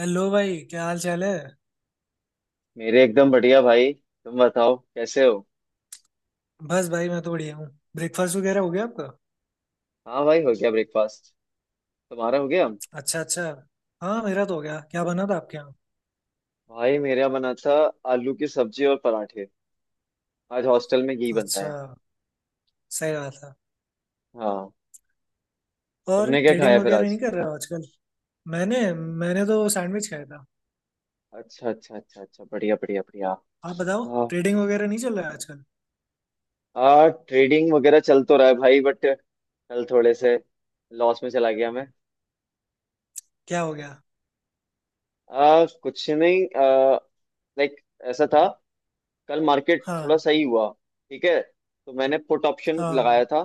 Hello भाई, क्या हाल चाल है। मेरे एकदम बढ़िया भाई। तुम बताओ कैसे हो? बस भाई मैं तो बढ़िया हूँ। ब्रेकफास्ट वगैरह हो गया आपका? हाँ भाई, हो गया ब्रेकफास्ट। तुम्हारा हो गया? अच्छा, अच्छा। हाँ, मेरा तो हो गया। क्या बना था आपके यहाँ? भाई मेरा बना था आलू की सब्जी और पराठे। आज हॉस्टल में यही बनता अच्छा, है। सही बात है। हाँ। और तुमने क्या ट्रेडिंग खाया फिर वगैरह नहीं आज? कर रहे हो आजकल? मैंने मैंने तो सैंडविच खाया था। अच्छा, अच्छा, अच्छा, अच्छा, बढ़िया, बढ़िया, बढ़िया। आप बताओ, हाँ, ट्रेडिंग वगैरह नहीं चल रहा है आजकल? हाँ, ट्रेडिंग वगैरह चल तो रहा है भाई, बट कल थोड़े से लॉस में चला गया मैं। क्या हो गया? कुछ नहीं। लाइक ऐसा था, कल मार्केट थोड़ा हाँ। सही हुआ। ठीक है, तो मैंने पुट ऑप्शन हाँ। लगाया था।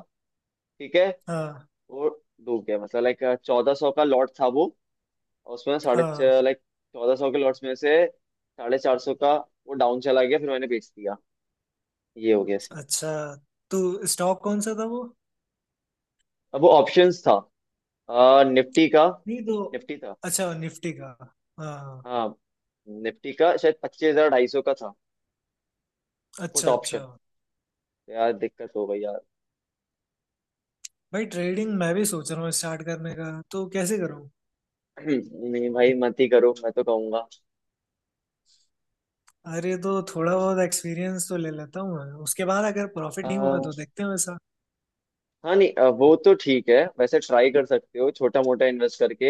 ठीक है। हाँ। वो डूब गया, मतलब लाइक 1400 का लॉट था वो। और उसमें साढ़े, हाँ। लाइक चौदह सौ के लॉट्स में से 450 का वो डाउन चला गया, फिर मैंने बेच दिया। ये हो गया सीन। अच्छा, तो स्टॉक कौन सा था वो? अब वो ऑप्शंस था, निफ्टी का। नहीं तो। निफ्टी था। अच्छा, निफ्टी का। हाँ। हाँ, निफ्टी का शायद 25,250 का था। पुट अच्छा, अच्छा। ऑप्शन। यार दिक्कत हो गई यार। भाई, ट्रेडिंग मैं भी सोच रहा हूँ स्टार्ट करने का, तो कैसे करूँ? नहीं भाई, मत ही करो, मैं तो कहूंगा। अरे, तो थोड़ा बहुत एक्सपीरियंस तो ले लेता हूँ मैं, उसके बाद अगर प्रॉफिट अ, नहीं हुआ तो देखते हैं वैसा। हाँ नहीं, वो तो ठीक है, वैसे ट्राई कर सकते हो छोटा मोटा इन्वेस्ट करके।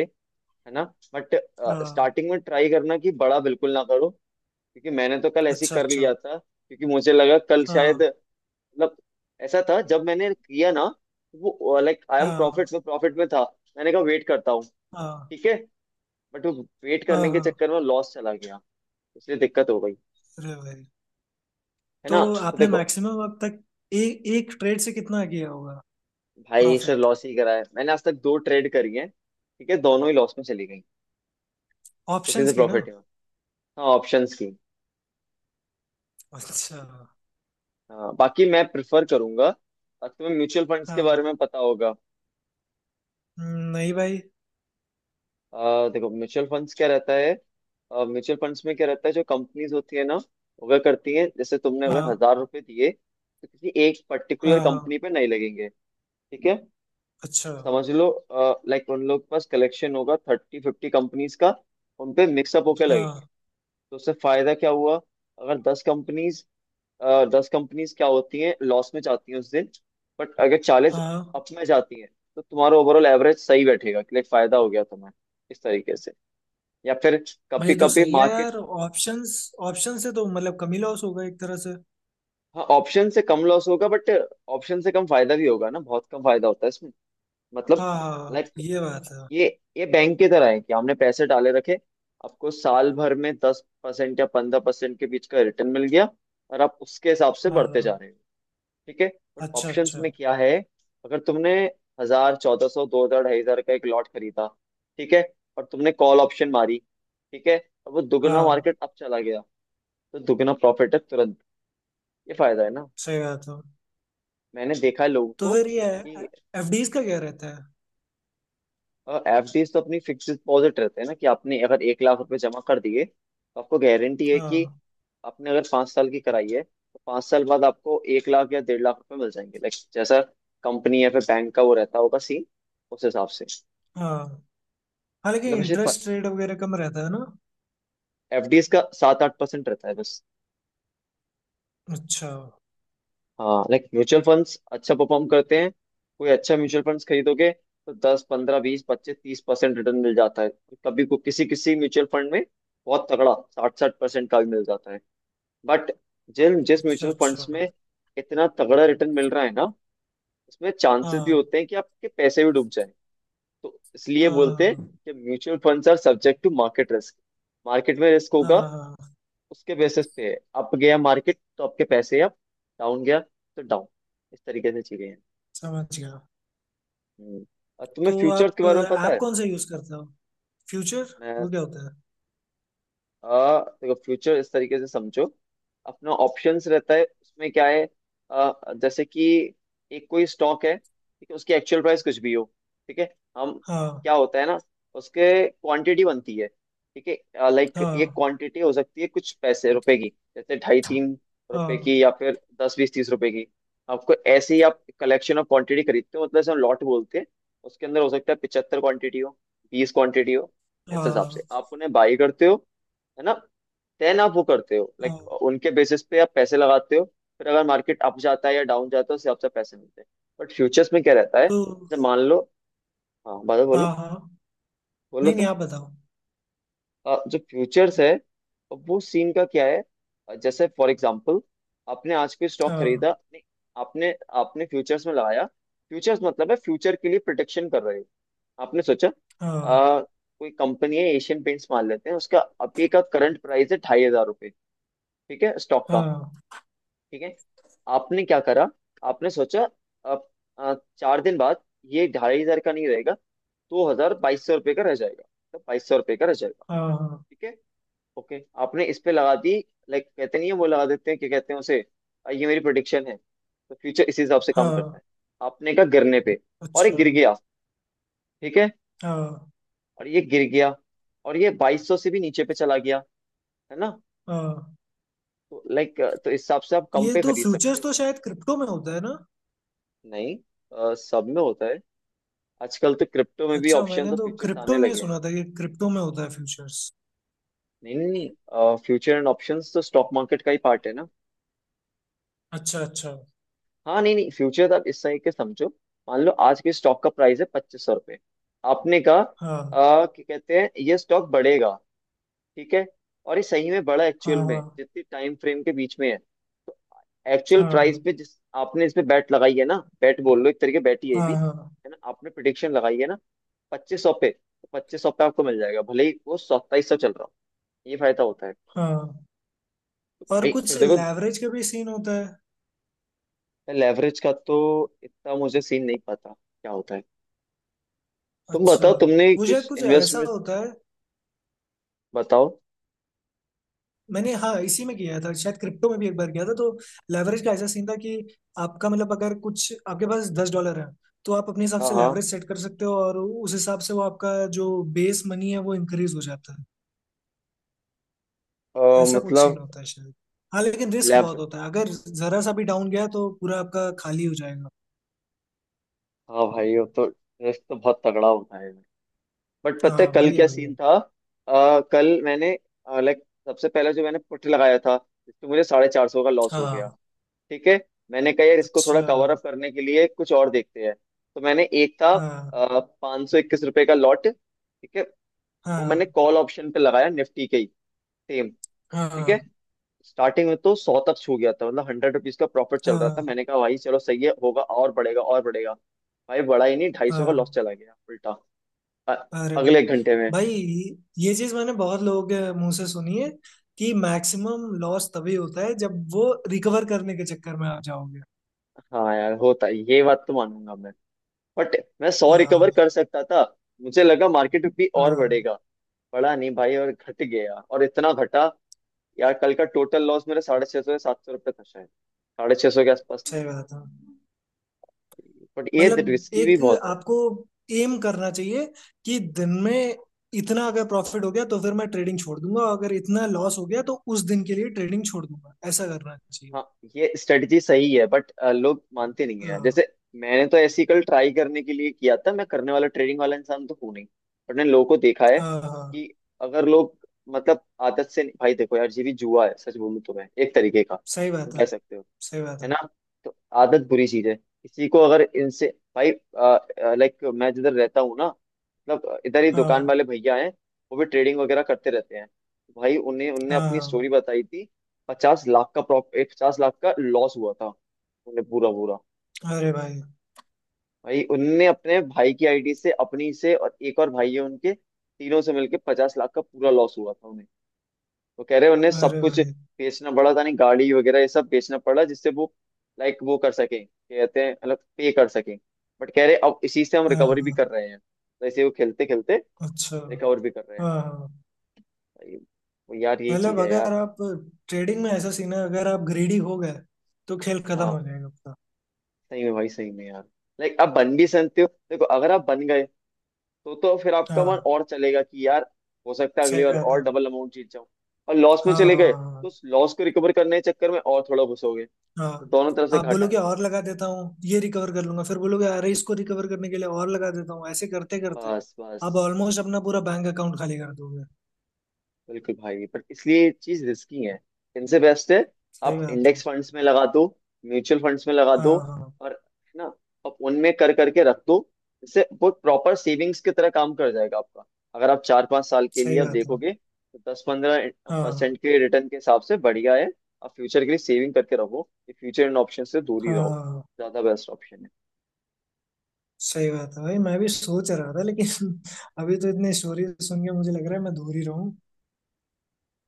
है ना। बट हाँ। स्टार्टिंग में ट्राई करना कि बड़ा बिल्कुल ना करो। क्योंकि मैंने तो कल ऐसे ही अच्छा, कर अच्छा। लिया था, क्योंकि मुझे लगा कल शायद, हाँ। मतलब ऐसा था जब मैंने किया ना, तो वो लाइक आई एम हाँ। प्रॉफिट में था। मैंने कहा वेट करता हूँ। हाँ। ठीक है। बट वो वेट हाँ। करने के हाँ। चक्कर में लॉस चला गया। इसलिए दिक्कत हो गई। अरे भाई, है तो ना। तो आपने देखो, मैक्सिमम अब तक ए, एक ट्रेड से कितना किया होगा भाई से प्रॉफिट? लॉस ही करा है मैंने, आज तक दो ट्रेड करी है, ठीक है, दोनों ही लॉस में चली गई। किसी ऑप्शंस से की ना? प्रॉफिट नहीं हुआ। हाँ, ऑप्शंस की। अच्छा। हाँ, बाकी मैं प्रिफर करूंगा। तुम्हें म्यूचुअल फंड्स के हाँ, बारे में पता होगा। नहीं भाई। देखो, म्यूचुअल फंड्स क्या रहता है। म्यूचुअल फंड्स में क्या रहता है, जो कंपनीज होती है ना, वह करती है, जैसे तुमने अगर हाँ, 1000 रुपए दिए तो किसी एक पर्टिकुलर हाँ। हाँ। कंपनी पे नहीं लगेंगे। ठीक है। अच्छा। समझ लो। लाइक उन लोग के पास कलेक्शन होगा थर्टी फिफ्टी कंपनीज का, उन पे मिक्सअप होकर लगेंगे। हाँ। तो उससे फायदा क्या हुआ? अगर दस कंपनीज क्या होती हैं, लॉस में जाती हैं उस दिन, बट अगर चालीस हाँ। अप में जाती हैं, तो तुम्हारा ओवरऑल एवरेज सही बैठेगा, लाइक फायदा हो गया तुम्हें इस तरीके से। या फिर भाई, कभी तो कभी सही है मार्केट, यार ऑप्शंस। ऑप्शन से तो मतलब कमी लॉस होगा एक तरह से। हाँ, ऑप्शन से कम लॉस होगा बट ऑप्शन से कम फायदा भी होगा ना, बहुत कम फायदा होता है इसमें। मतलब हाँ, हाँ, हाँ, लाइक ये बात है। ये ये बैंक की तरह है कि हमने पैसे डाले रखे, आपको साल भर में 10 परसेंट या 15 परसेंट के बीच का रिटर्न मिल गया, और आप उसके हिसाब से बढ़ते जा हाँ। रहे हो। ठीक है। बट अच्छा, ऑप्शंस अच्छा। में क्या है? अगर तुमने हजार, 1400, दो हजार, ढाई हजार का एक लॉट खरीदा, ठीक है, और तुमने कॉल ऑप्शन मारी, ठीक है, और वो दुगना हाँ। मार्केट अब चला गया, तो दुगना प्रॉफिट है तुरंत। ये फायदा है ना। सही बात है। मैंने देखा है लोगों तो को फिर ये कि, एफडीज का क्या रहता है? एफडीज तो अपनी फिक्स डिपॉजिट रहते हैं ना कि आपने अगर 1,00,000 रुपए जमा कर दिए तो आपको गारंटी है कि, हाँ। आपने अगर 5 साल की कराई है तो 5 साल बाद आपको 1,00,000 या 1,50,000 रुपए मिल जाएंगे, लाइक जैसा कंपनी या फिर बैंक का वो रहता होगा सीन, उस हिसाब से। हाँ, हाँ लेकिन मतलब वैसे इंटरेस्ट रेट वगैरह कम रहता है ना? एफडीज का 7-8 परसेंट रहता है बस। अच्छा। हाँ, लाइक म्यूचुअल फंड्स अच्छा परफॉर्म करते हैं। कोई अच्छा म्यूचुअल फंड्स खरीदोगे तो दस पंद्रह बीस पच्चीस तीस परसेंट रिटर्न मिल जाता है। कभी को किसी किसी म्यूचुअल फंड में बहुत तगड़ा 60-60 परसेंट का भी मिल जाता है। बट जिन जिस अच्छा, म्यूचुअल अच्छा। फंड्स में इतना तगड़ा रिटर्न मिल रहा है ना, उसमें चांसेस भी हाँ। होते हैं कि आपके पैसे भी डूब जाए। तो इसलिए बोलते हैं हाँ, कि mutual funds are subject to market risk. Market में रिस्क होगा, हाँ, हाँ। उसके बेसिस पे अप गया मार्केट तो आपके पैसे अप, डाउन गया तो डाउन। इस तरीके से चीजें हैं। समझ गया। हम्म। और तो तुम्हें फ्यूचर्स के बारे में पता आप है? कौन सा यूज करते हो? फ्यूचर मैं, वो क्या होता है? देखो फ्यूचर इस तरीके से समझो। अपना ऑप्शंस रहता है, उसमें क्या है, आ, जैसे कि, एक कोई स्टॉक है, ठीक है, उसकी एक्चुअल प्राइस कुछ भी हो। ठीक है, हम, हाँ। क्या होता है ना, उसके क्वांटिटी बनती है। ठीक है, लाइक एक हाँ। क्वांटिटी हो सकती है कुछ पैसे रुपए की, जैसे ढाई तीन रुपए हाँ। की, या फिर दस बीस तीस रुपए की। आपको ऐसे ही, आप कलेक्शन ऑफ क्वांटिटी खरीदते हो, मतलब जैसे हम लॉट बोलते हैं। उसके अंदर हो सकता है 75 क्वांटिटी हो, बीस क्वांटिटी हो। इस हिसाब से हाँ। आप उन्हें बाई करते हो। है ना। देन आप वो करते हो, लाइक हाँ। उनके बेसिस पे आप पैसे लगाते हो। फिर अगर मार्केट अप जाता है या डाउन जाता है, उससे आपसे पैसे मिलते हैं। बट फ्यूचर्स में क्या रहता है, तो जैसे मान लो, हाँ बादल, हाँ, बोलो। हाँ, बोलो नहीं नहीं तुम। आप बताओ। जो फ्यूचर्स है, वो सीन का क्या है। जैसे फॉर एग्जाम्पल, आपने आज कोई स्टॉक खरीदा हाँ। नहीं, आपने आपने फ्यूचर्स में लगाया, फ्यूचर्स मतलब है फ्यूचर के लिए प्रोटेक्शन कर रहे हो। आपने सोचा, हाँ। कोई कंपनी है एशियन पेंट्स मान लेते हैं, उसका अभी का करंट प्राइस है 2500 रुपये। ठीक है, स्टॉक का। हाँ। ठीक है। आपने क्या करा, आपने सोचा, अब, 4 दिन बाद, ये 2500 का नहीं रहेगा, दो हजार 2200 रुपये का रह जाएगा, तो 2200 रुपये का रह जाएगा। हाँ। ठीक है। ओके, आपने इस पे लगा दी। लाइक कहते नहीं है वो लगा देते हैं, क्या कहते हैं उसे, ये मेरी प्रोडिक्शन है। तो फ्यूचर इसी हिसाब से हाँ। काम करता हाँ। है। आपने कहा गिरने पे, और ये अच्छा। गिर गया। ठीक है, हाँ। और ये गिर गया, और ये 2200 से भी नीचे पे चला गया। है ना। हाँ। तो लाइक, तो इस हिसाब से आप कम ये पे तो खरीद सकते फ्यूचर्स हो। तो शायद क्रिप्टो में होता है ना? नहीं, सब में होता है। आजकल तो क्रिप्टो में भी अच्छा, ऑप्शंस मैंने और तो फ्यूचर्स क्रिप्टो आने में लगे हैं। सुना था कि क्रिप्टो में होता है फ्यूचर्स। नहीं, नहीं, नहीं, फ्यूचर एंड ऑप्शंस तो स्टॉक मार्केट का ही पार्ट है ना। अच्छा, अच्छा। हाँ नहीं, नहीं, फ्यूचर आप इस तरीके से समझो। मान लो आज के स्टॉक का प्राइस है 2500 रुपये। आपने कहा हाँ। क्या कहते हैं, ये स्टॉक बढ़ेगा। ठीक है, और ये सही में बढ़ा एक्चुअल हाँ, हाँ। में, जितनी टाइम फ्रेम के बीच में है तो, एक्चुअल प्राइस हाँ। पे जिस, आपने इस पे बैट लगाई है ना, बैट बोल लो, एक तरीके बैट ही है ये हाँ। भी। हाँ, है ना, आपने प्रिडिक्शन लगाई है ना, 2500 पे, तो 2500 पे आपको मिल जाएगा भले ही वो 2700 चल रहा हो। ये फायदा होता है। हाँ। और भाई कुछ फिर देखो, लेवरेज का भी सीन होता है? लेवरेज का तो इतना मुझे सीन नहीं पता क्या होता है। तुम अच्छा, बताओ, तुमने वो कुछ शायद कुछ ऐसा इन्वेस्टमेंट, होता है। बताओ। मैंने, हाँ, इसी में किया था, शायद क्रिप्टो में भी एक बार किया था तो लेवरेज का ऐसा सीन था कि आपका मतलब अगर कुछ आपके पास 10 डॉलर है, तो आप अपने हिसाब से हाँ, हाँ, लेवरेज सेट कर सकते हो और उस हिसाब से वो आपका जो बेस मनी है वो इंक्रीज हो जाता है। ऐसा कुछ सीन मतलब, होता है शायद। हाँ, लेकिन रिस्क बहुत लेव होता है, अगर जरा सा भी डाउन गया तो पूरा आपका खाली हो जाएगा। हाँ भाई, वो तो रिस्क तो बहुत तगड़ा होता है। बट पता है हाँ कल वही है क्या वही है सीन था, कल मैंने, लाइक सबसे पहले जो मैंने पुट लगाया था, जिसमें मुझे 450 का लॉस हो गया। हाँ। ठीक है। मैंने कहा यार इसको थोड़ा अच्छा। कवर अप करने के लिए कुछ और देखते हैं। तो मैंने एक था, हाँ। 521 रुपए का लॉट, ठीक है, वो मैंने हाँ। कॉल ऑप्शन पे लगाया निफ्टी के ही, सेम। ठीक है। हाँ। स्टार्टिंग में तो सौ तक छू गया था, मतलब हंड्रेड रुपीज का प्रॉफिट चल रहा था। हाँ। मैंने कहा भाई चलो सही है, होगा और बढ़ेगा और बढ़ेगा। भाई बड़ा ही नहीं, 250 का लॉस हाँ। चला गया उल्टा। अ- अरे भाई। अगले एक घंटे में। भाई, ये चीज मैंने बहुत लोगों के मुंह से सुनी है कि मैक्सिमम लॉस तभी होता है जब वो रिकवर करने के चक्कर में आ जाओगे। हाँ यार होता है, ये बात तो मानूंगा मैं। बट मैं सौ रिकवर हाँ, कर सकता था। मुझे लगा मार्केट भी और हाँ। बढ़ेगा। बढ़ा नहीं भाई, और घट गया, और इतना घटा, यार कल का टोटल लॉस मेरा 650 या 700 रुपये था, शायद 650 के आसपास। सही बात है। बट ये मतलब रिस्की एक भी बहुत है। आपको एम करना चाहिए कि दिन में इतना अगर प्रॉफिट हो गया तो फिर मैं ट्रेडिंग छोड़ दूंगा, और अगर इतना लॉस हो गया तो उस दिन के लिए ट्रेडिंग छोड़ दूंगा, ऐसा करना चाहिए। हाँ, ये स्ट्रेटजी सही है बट लोग मानते नहीं है, हाँ, जैसे मैंने तो ऐसी कल ट्राई करने के लिए किया था, मैं करने वाला ट्रेडिंग वाला इंसान तो हूँ नहीं। बट मैंने लोगों को देखा है हाँ, हाँ। कि, अगर लोग, मतलब, आदत से भाई। देखो यार, ये भी जुआ है सच बोलूं तो, मैं एक तरीके का, सही बात तुम है, कह सकते हो। सही बात है है। ना। तो आदत बुरी चीज है, किसी को अगर इनसे, भाई, लाइक मैं जिधर रहता हूँ ना, मतलब इधर ही दुकान हाँ, वाले भैया हैं, वो भी ट्रेडिंग वगैरह करते रहते हैं। भाई उन्हें उनने हाँ, अपनी हाँ। स्टोरी बताई थी, पचास लाख का लॉस हुआ था उन्हें पूरा पूरा। अरे भाई। भाई उनने अपने भाई की आईडी से, अपनी से, और एक और भाई है उनके, तीनों से मिलके 50 लाख का पूरा लॉस हुआ था। वो कह रहे उन्हें सब अरे कुछ भाई। बेचना पड़ा था, नहीं गाड़ी वगैरह ये सब बेचना पड़ा, जिससे वो लाइक वो कर सके, कहते हैं, मतलब पे कर सके। बट कह रहे अब इसी से हम हाँ, रिकवरी भी हाँ, कर रहे हैं। तो ऐसे वो खेलते खेलते अच्छा। रिकवर भी कर रहे हैं। हाँ, हाँ। भाई, वो यार, यही मतलब चीज है अगर यार। आप ट्रेडिंग में ऐसा सीन है, अगर आप ग्रीडी हो गए तो खेल खत्म हाँ हो जाएगा आपका। सही में भाई, सही में यार, लाइक आप बन भी सकते हो। देखो अगर आप बन गए, तो फिर आपका मन हाँ। और चलेगा कि यार, हो सकता है अगली सही बार बात और है। डबल अमाउंट जीत जाऊं। और लॉस में हाँ, चले हाँ, गए हाँ, तो उस लॉस को रिकवर करने के चक्कर में और थोड़ा घुसोगे। तो हाँ। दोनों तरफ से आप घाटा है। बोलोगे और लगा देता हूँ ये रिकवर कर लूंगा, फिर बोलोगे अरे इसको रिकवर करने के लिए और लगा देता हूँ, ऐसे करते करते बस, आप बस। ऑलमोस्ट अपना पूरा बैंक अकाउंट खाली कर दोगे। बिल्कुल भाई, पर इसलिए ये चीज रिस्की है। इनसे बेस्ट है, सही आप बात है। इंडेक्स फंड्स में लगा दो, म्यूचुअल फंड्स में लगा हाँ, दो, हाँ। और, है ना, आप उनमें कर करके रख दो। इससे वो प्रॉपर सेविंग्स की तरह काम कर जाएगा आपका। अगर आप 4-5 साल के सही लिए आप बात है। देखोगे तो दस पंद्रह हाँ, परसेंट के रिटर्न के हिसाब से बढ़िया है। आप फ्यूचर के लिए सेविंग करके रहो, ये फ्यूचर इन ऑप्शन से दूर ही रहो। हाँ। ज्यादा बेस्ट ऑप्शन है। सही बात है भाई, मैं भी सोच रहा था लेकिन अभी तो इतनी स्टोरी सुन के मुझे लग रहा है मैं दूर ही रहूँ।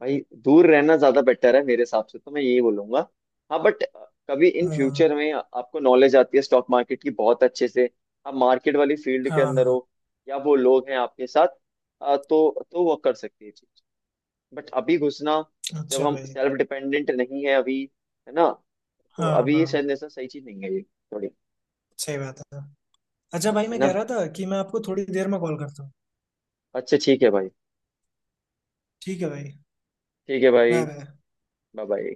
भाई दूर रहना ज्यादा बेटर है मेरे हिसाब से, तो मैं यही बोलूंगा। हाँ बट कभी इन फ्यूचर हाँ, में आपको नॉलेज आती है स्टॉक मार्केट की बहुत अच्छे से, आप मार्केट वाली फील्ड हाँ, के अंदर हाँ, हो, या वो लोग हैं आपके साथ, तो वो कर सकती है चीज। बट अभी घुसना, जब अच्छा हम भाई। सेल्फ डिपेंडेंट नहीं है अभी, है ना, तो हाँ, अभी ये हाँ। शायद ऐसा सही चीज नहीं है ये, थोड़ी। सही बात है। अच्छा भाई, है मैं ना। कह रहा था कि मैं आपको थोड़ी देर में कॉल करता हूँ। अच्छा ठीक है भाई। ठीक है भाई। ठीक है भाई। Bye bye. Bye bye.